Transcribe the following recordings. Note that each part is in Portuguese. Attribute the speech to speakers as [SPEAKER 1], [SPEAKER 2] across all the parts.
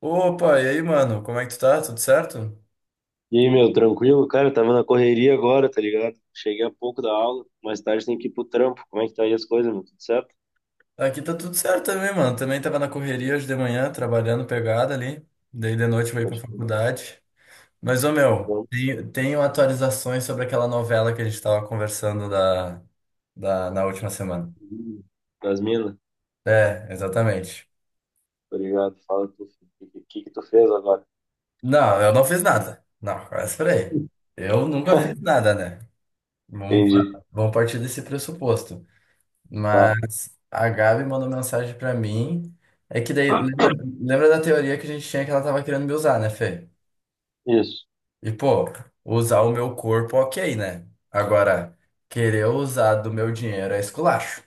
[SPEAKER 1] Opa, e aí, mano? Como é que tu tá? Tudo certo?
[SPEAKER 2] E aí, meu, tranquilo? Cara, eu tava na correria agora, tá ligado? Cheguei há pouco da aula, mais tarde tem que ir pro trampo. Como é que tá aí as coisas, meu? Tudo certo?
[SPEAKER 1] Aqui tá tudo certo também, mano. Também tava na correria hoje de manhã, trabalhando pegada ali. Daí de noite eu vou ir pra
[SPEAKER 2] Pode ir.
[SPEAKER 1] faculdade. Mas, ô meu,
[SPEAKER 2] Bom,
[SPEAKER 1] tenho atualizações sobre aquela novela que a gente tava conversando da, na última semana.
[SPEAKER 2] das minas?
[SPEAKER 1] É, exatamente.
[SPEAKER 2] Obrigado. Fala tu, que tu fez agora?
[SPEAKER 1] Não, eu não fiz nada. Não, espera aí. Eu nunca fiz nada, né? Vamos,
[SPEAKER 2] Entendi.
[SPEAKER 1] pa- vamos partir desse pressuposto.
[SPEAKER 2] Tá,
[SPEAKER 1] Mas a Gabi mandou mensagem pra mim. É que daí, lembra da teoria que a gente tinha que ela tava querendo me usar, né, Fê?
[SPEAKER 2] isso.
[SPEAKER 1] E, pô, usar o meu corpo, ok, né? Agora, querer usar do meu dinheiro é esculacho.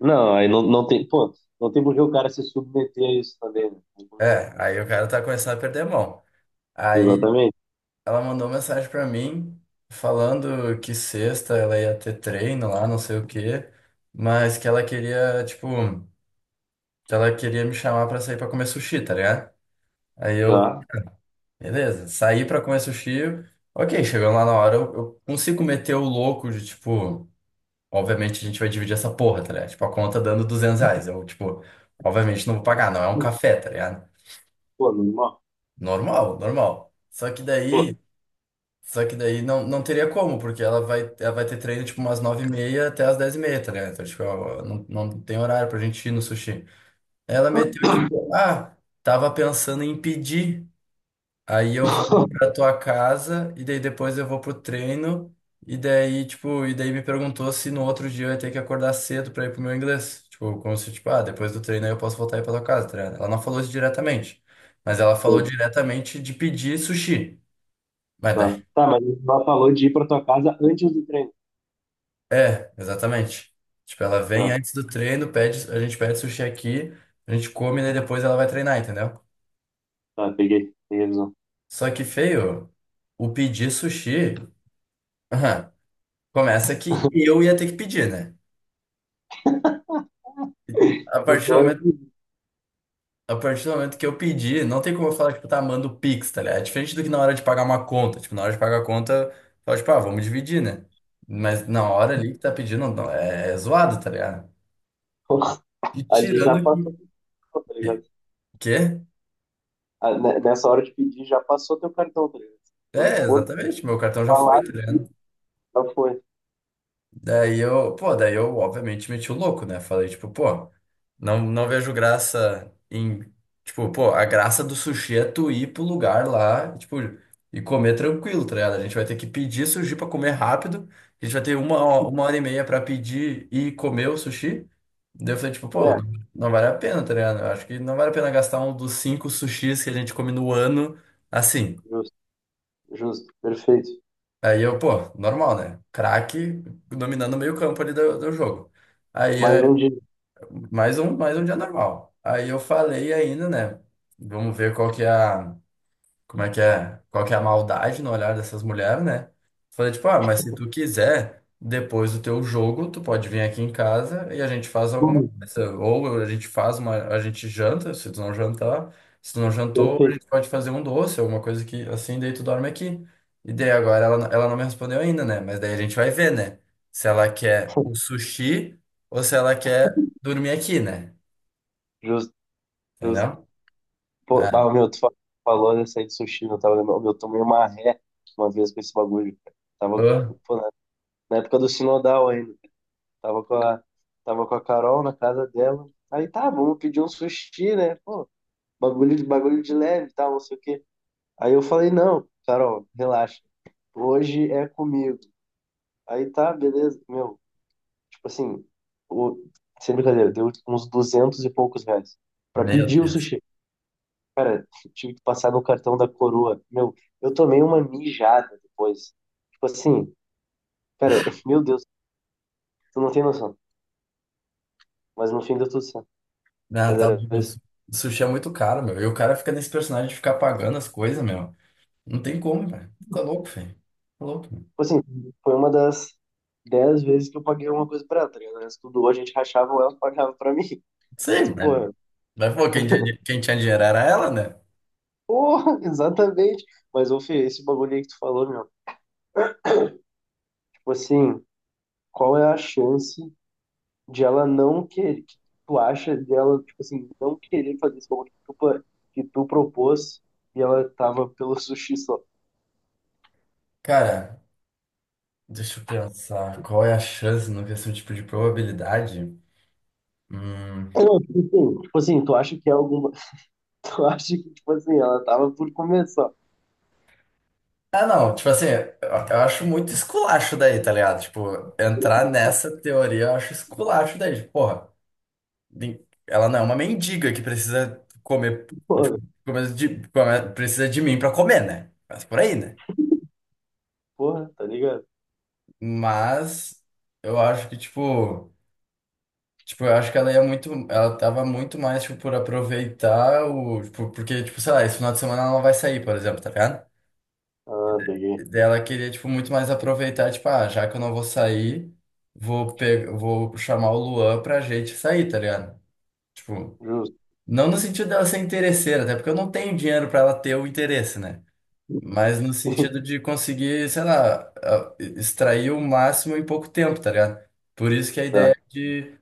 [SPEAKER 2] Não, aí não, pô, não tem por que o cara se submeter a isso também, né? Vamos combinar.
[SPEAKER 1] É, aí o cara tá começando a perder a mão. Aí
[SPEAKER 2] Exatamente.
[SPEAKER 1] ela mandou mensagem pra mim falando que sexta ela ia ter treino lá, não sei o quê, mas que ela queria, tipo, que ela queria me chamar pra sair pra comer sushi, tá ligado? Aí eu
[SPEAKER 2] Tá.
[SPEAKER 1] Beleza, saí pra comer sushi. Ok, chegando lá na hora, eu consigo meter o louco de, tipo, obviamente a gente vai dividir essa porra, tá ligado? Tipo, a conta dando R$ 200. Eu, tipo, obviamente não vou pagar, não é um café, tá ligado?
[SPEAKER 2] Pô, normal.
[SPEAKER 1] Normal, normal. Só que
[SPEAKER 2] Pô,
[SPEAKER 1] daí, só que daí não, não teria como, porque ela vai ter treino, tipo, umas 9h30 até as 10h30, tá ligado? Então, tipo, não tem horário pra gente ir no sushi. Ela meteu, tipo, ah, tava pensando em pedir. Aí eu vou ir pra tua casa e daí depois eu vou pro treino e daí me perguntou se no outro dia eu ia ter que acordar cedo pra ir pro meu inglês. Tipo, como se, tipo, ah, depois do treino aí eu posso voltar aí pra tua casa, tá ligado? Ela não falou isso diretamente, mas ela falou
[SPEAKER 2] entendi.
[SPEAKER 1] diretamente de pedir sushi. Mas daí,
[SPEAKER 2] Tá. Tá, mas ela falou de ir pra tua casa antes do treino.
[SPEAKER 1] é, exatamente. Tipo, ela vem
[SPEAKER 2] Tá,
[SPEAKER 1] antes do treino, pede, a gente pede sushi aqui, a gente come, né, depois ela vai treinar, entendeu?
[SPEAKER 2] tá, peguei. Peguei a visão.
[SPEAKER 1] Só que, feio, o pedir sushi, aham, começa que eu ia ter que pedir, né? A
[SPEAKER 2] No
[SPEAKER 1] partir do
[SPEAKER 2] teórico.
[SPEAKER 1] momento, a partir do momento que eu pedi, não tem como eu falar, tipo, tá, manda o Pix, tá ligado? É diferente do que na hora de pagar uma conta. Tipo, na hora de pagar a conta, fala, tipo, ah, vamos dividir, né? Mas na hora ali que tá pedindo, não, é zoado, tá ligado? E
[SPEAKER 2] Ali já
[SPEAKER 1] tirando
[SPEAKER 2] passou,
[SPEAKER 1] que...
[SPEAKER 2] teu cartão, tá
[SPEAKER 1] Que?
[SPEAKER 2] ligado?
[SPEAKER 1] que-
[SPEAKER 2] Ah, nessa hora de pedir, já passou teu cartão, tá ligado? Quando
[SPEAKER 1] É,
[SPEAKER 2] for
[SPEAKER 1] exatamente, meu cartão já
[SPEAKER 2] falar,
[SPEAKER 1] foi, tá ligado?
[SPEAKER 2] já foi.
[SPEAKER 1] Daí eu, pô, daí eu obviamente meti o louco, né? Falei, tipo, pô, não, não vejo graça em. Tipo, pô, a graça do sushi é tu ir pro lugar lá, tipo, e comer tranquilo, tá ligado? A gente vai ter que pedir sushi pra comer rápido, a gente vai ter uma hora e meia pra pedir e comer o sushi. Daí eu falei, tipo, pô,
[SPEAKER 2] É,
[SPEAKER 1] não, não vale a pena, tá ligado? Eu acho que não vale a pena gastar um dos cinco sushis que a gente come no ano assim.
[SPEAKER 2] justo, justo, perfeito.
[SPEAKER 1] Aí eu, pô, normal, né? Craque dominando o meio-campo ali do jogo. Aí
[SPEAKER 2] Mais um
[SPEAKER 1] é
[SPEAKER 2] dia.
[SPEAKER 1] mais um dia normal. Aí eu falei ainda, né? Vamos ver qual que é a, como é que é, qual que é a maldade no olhar dessas mulheres, né? Falei, tipo, ah, mas se tu quiser, depois do teu jogo, tu pode vir aqui em casa e a gente faz alguma
[SPEAKER 2] Hum.
[SPEAKER 1] coisa. Ou a gente faz uma, a gente janta, se tu não jantar, se tu não jantou, a
[SPEAKER 2] Perfeito,
[SPEAKER 1] gente pode fazer um doce, alguma coisa que assim, daí tu dorme aqui. E daí agora ela não me respondeu ainda, né? Mas daí a gente vai ver, né? Se ela quer o sushi ou se ela quer dormir aqui, né?
[SPEAKER 2] justo, justo.
[SPEAKER 1] Entendeu? É.
[SPEAKER 2] Pô,
[SPEAKER 1] Ah,
[SPEAKER 2] bah, meu, tu falou dessa aí de sushi, não tava lembrando. Meu, eu tomei uma ré uma vez com esse bagulho. Cara. Tava, pô, na época do Sinodal ainda. Tava com a, tava com a Carol na casa dela. Aí tá, vamos pedir um sushi, né? Pô, bagulho de leve, e tal, não sei o quê. Aí eu falei, não, Carol, relaxa. Hoje é comigo. Aí tá, beleza. Meu, tipo assim, o... sem brincadeira, deu uns 200 e poucos reais. Pra
[SPEAKER 1] meu
[SPEAKER 2] pedir o
[SPEAKER 1] Deus.
[SPEAKER 2] sushi, tive que passar no cartão da coroa. Meu, eu tomei uma mijada depois. Tipo assim, cara, meu Deus, tu não tem noção. Mas no fim deu tudo certo.
[SPEAKER 1] Ah,
[SPEAKER 2] Mas
[SPEAKER 1] tá
[SPEAKER 2] era
[SPEAKER 1] louco.
[SPEAKER 2] isso.
[SPEAKER 1] Sushi é muito caro, meu. E o cara fica nesse personagem de ficar pagando as coisas, meu. Não tem como, velho. Tá louco, velho. Tá louco, meu.
[SPEAKER 2] Tipo assim, foi uma das 10 vezes que eu paguei alguma coisa pra ela, tá ligado? O resto tudo ou a gente rachava ou ela pagava pra mim. Mas,
[SPEAKER 1] Sim,
[SPEAKER 2] pô,
[SPEAKER 1] né? Mas, pô, quem tinha dinheiro era ela, né?
[SPEAKER 2] porra, exatamente. Mas, ô, Fê, esse bagulho aí que tu falou, meu, tipo assim, qual é a chance de ela não querer, que tu acha dela, tipo assim, não querer fazer esse bagulho que tu propôs e ela tava pelo sushi só?
[SPEAKER 1] Cara, deixa eu pensar. Qual é a chance? Não no questão tipo de probabilidade? Hum.
[SPEAKER 2] Não, tipo assim, tu acha que é alguma, tu acha que, tipo assim, ela tava por começar só?
[SPEAKER 1] Ah, não. Tipo assim, eu acho muito esculacho daí, tá ligado? Tipo, entrar nessa teoria eu acho esculacho daí. Tipo, porra. nem- Ela não é uma mendiga que precisa comer, tipo,
[SPEAKER 2] Porra,
[SPEAKER 1] precisa de mim pra comer, né? Mas por aí, né?
[SPEAKER 2] porra, tá ligado?
[SPEAKER 1] Mas eu acho que, tipo, tipo, eu acho que ela tava muito mais, tipo, por aproveitar o, tipo, porque, tipo, sei lá, esse final de semana ela não vai sair, por exemplo, tá ligado?
[SPEAKER 2] Ah, peguei.
[SPEAKER 1] Daí ela queria, tipo, muito mais aproveitar, tipo, ah, já que eu não vou sair, vou pegar, vou chamar o Luan pra gente sair, tá ligado? Tipo,
[SPEAKER 2] Justo,
[SPEAKER 1] não no sentido dela ser interesseira, até porque eu não tenho dinheiro para ela ter o interesse, né? Mas no sentido de conseguir, sei lá, extrair o máximo em pouco tempo, tá ligado? Por isso que a
[SPEAKER 2] tá.
[SPEAKER 1] ideia de,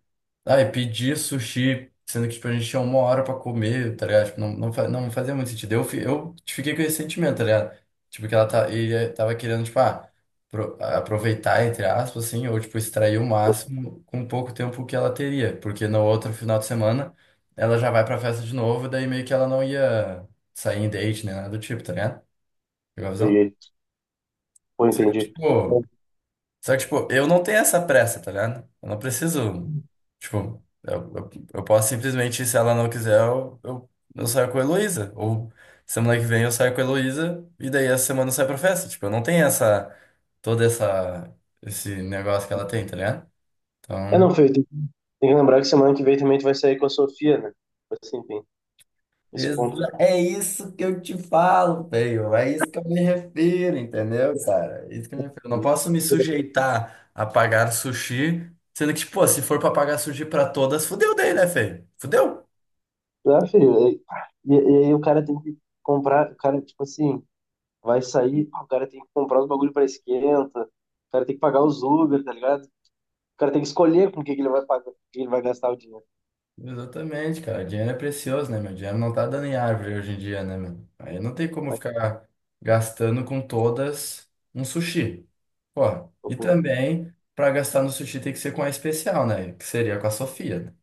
[SPEAKER 1] ah, e pedir sushi, sendo que, tipo, a gente tinha uma hora pra comer, tá ligado? Tipo, não, não, não fazia muito sentido. Eu, eu fiquei com esse sentimento, tá ligado? Tipo, que ele tava querendo, tipo, ah, aproveitar, entre aspas, assim, ou, tipo, extrair o máximo com pouco tempo que ela teria. Porque no outro final de semana, ela já vai pra festa de novo, daí meio que ela não ia sair em date, nem nada do tipo, tá ligado? Pegou a visão?
[SPEAKER 2] Peguei. Pô,
[SPEAKER 1] Só que,
[SPEAKER 2] entendi.
[SPEAKER 1] Tipo, só que, tipo, eu não tenho essa pressa, tá ligado? Eu não preciso. Tipo, eu posso simplesmente, se ela não quiser, eu saio com a Heloísa. Ou semana que vem eu saio com a Heloísa e daí essa semana eu saio pra festa. Tipo, eu não tenho essa. Toda essa. Esse negócio que ela tem, tá ligado?
[SPEAKER 2] É, não,
[SPEAKER 1] Então.
[SPEAKER 2] Fê, tem que lembrar que semana que vem também tu vai sair com a Sofia, né? Tipo assim, tem esse ponto.
[SPEAKER 1] É isso que eu te falo, feio. É isso que eu me refiro, entendeu, cara? É isso que eu me refiro. Não posso me sujeitar a pagar sushi, sendo que, pô, se for pra pagar sushi pra todas, fudeu daí, né, feio? Fudeu?
[SPEAKER 2] Ah, filho, e aí o cara tem que comprar, o cara, tipo assim, vai sair, pá, o cara tem que comprar os bagulho pra esquenta, o cara tem que pagar os Uber, tá ligado? O cara tem que escolher com o que que ele vai pagar, com o que ele vai gastar o dinheiro.
[SPEAKER 1] Exatamente, cara. Dinheiro é precioso, né, meu? Dinheiro não tá dando em árvore hoje em dia, né, meu? Aí não tem como
[SPEAKER 2] Aí,
[SPEAKER 1] ficar gastando com todas um sushi. Pô,
[SPEAKER 2] pô,
[SPEAKER 1] e
[SPEAKER 2] porra.
[SPEAKER 1] também, pra gastar no sushi tem que ser com a especial, né? Que seria com a Sofia, né?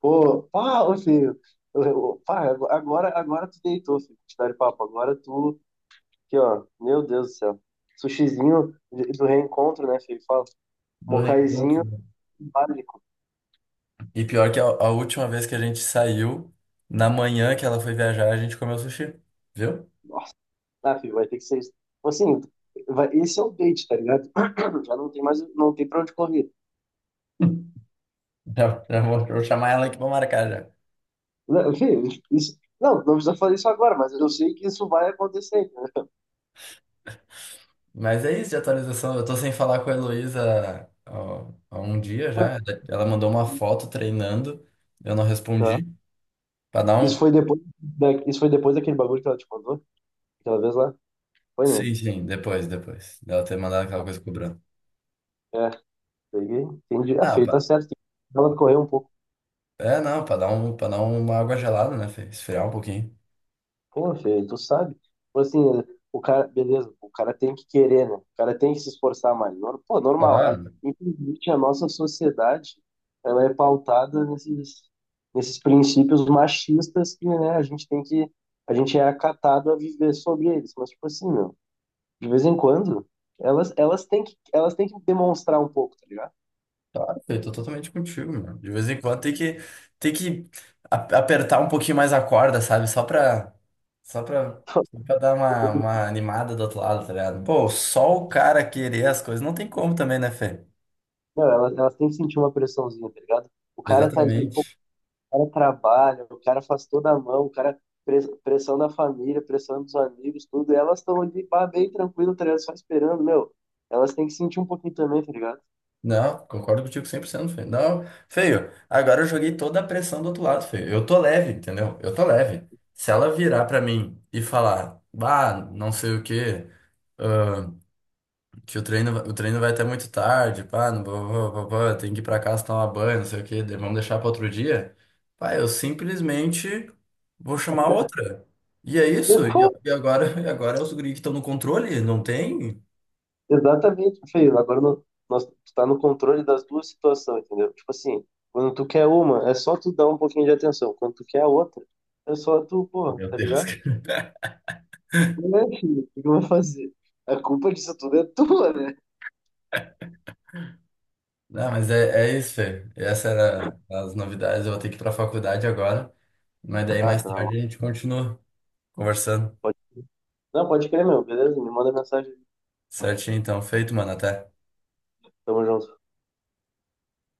[SPEAKER 2] Pô, pá, ô filho, pá, agora tu deitou, filho, te dar papo, agora tu, aqui, ó, meu Deus do céu. Sushizinho do reencontro, né, filho? Fala,
[SPEAKER 1] Do reencontro,
[SPEAKER 2] mocaizinho
[SPEAKER 1] né?
[SPEAKER 2] básico.
[SPEAKER 1] E pior que a última vez que a gente saiu, na manhã que ela foi viajar, a gente comeu sushi, viu?
[SPEAKER 2] Nossa, tá, filho, vai ter que ser isso. Assim, esse é o date, tá ligado? Já não tem mais, não tem pra onde correr.
[SPEAKER 1] Já, já vou, vou chamar ela aqui pra marcar já.
[SPEAKER 2] Não, filho, isso, não precisa fazer isso agora, mas eu sei que isso vai acontecer, entendeu?
[SPEAKER 1] Mas é isso de atualização. Eu tô sem falar com a Heloísa, ó, há um dia
[SPEAKER 2] Mas,
[SPEAKER 1] já. Ela mandou uma foto treinando, eu não
[SPEAKER 2] tá.
[SPEAKER 1] respondi. Pra dar
[SPEAKER 2] Isso
[SPEAKER 1] um.
[SPEAKER 2] foi depois da, isso foi depois daquele bagulho que ela te mandou, aquela vez lá? Foi, né?
[SPEAKER 1] Sim, sim, depois, depois. Dela ter mandado aquela coisa cobrando.
[SPEAKER 2] É, peguei, entendi. Ah,
[SPEAKER 1] Ah,
[SPEAKER 2] filho, tá
[SPEAKER 1] pra...
[SPEAKER 2] certo. Ela correu um pouco.
[SPEAKER 1] É, não, pra dar uma água gelada, né, Fê? Esfriar um pouquinho.
[SPEAKER 2] Pô, Fê, tu sabe. Tipo assim, o cara, beleza, o cara tem que querer, né? O cara tem que se esforçar mais. Pô, normal.
[SPEAKER 1] Claro.
[SPEAKER 2] Infelizmente, a nossa sociedade, ela é pautada nesses princípios machistas que, né, a gente é acatado a viver sobre eles. Mas, tipo assim, meu, de vez em quando, elas têm que demonstrar um pouco, tá ligado?
[SPEAKER 1] Claro, eu tô totalmente contigo, mano. De vez em quando tem que, tem que apertar um pouquinho mais a corda, sabe? Só pra, só pra, só pra dar uma animada do outro lado, tá ligado? Pô, só o cara querer as coisas não tem como também, né, Fê?
[SPEAKER 2] Não, elas têm que sentir uma pressãozinha, tá ligado? O cara tá ali, pô,
[SPEAKER 1] Exatamente.
[SPEAKER 2] cara trabalha, o cara faz toda a mão, o cara pressão da família, pressão dos amigos, tudo. E elas estão ali, pá, bem tranquilo, tá ligado? Só esperando, meu. Elas têm que sentir um pouquinho também, tá ligado?
[SPEAKER 1] Não, concordo contigo 100%, Fê. Não, feio, agora eu joguei toda a pressão do outro lado, feio. Eu tô leve, entendeu? Eu tô leve. Se ela virar pra mim e falar, bah, não sei o quê. Que o treino vai até muito tarde, pá, não, tem que ir pra casa tomar banho, não sei o quê, daí vamos deixar pra outro dia. Pá, eu simplesmente vou chamar outra. E é
[SPEAKER 2] E,
[SPEAKER 1] isso, e,
[SPEAKER 2] pô,
[SPEAKER 1] e agora, e agora é os guri que estão no controle, não tem?
[SPEAKER 2] exatamente, feio. Agora nós, tu tá no controle das duas situações, entendeu? Tipo assim, quando tu quer uma, é só tu dar um pouquinho de atenção. Quando tu quer a outra, é só tu, pô,
[SPEAKER 1] Meu
[SPEAKER 2] tá
[SPEAKER 1] Deus,
[SPEAKER 2] ligado?
[SPEAKER 1] cara.
[SPEAKER 2] Não é, filho, o que que eu vou fazer? A culpa disso tudo é tua, né?
[SPEAKER 1] Não, mas é, é isso, Fê. Essas eram as novidades, eu vou ter que ir pra faculdade agora, mas daí
[SPEAKER 2] Ah,
[SPEAKER 1] mais
[SPEAKER 2] tá na
[SPEAKER 1] tarde a
[SPEAKER 2] mão.
[SPEAKER 1] gente continua conversando.
[SPEAKER 2] Pode... Não, pode crer, meu, beleza? Me manda mensagem.
[SPEAKER 1] Certinho, então, feito, mano, até.
[SPEAKER 2] Tamo junto.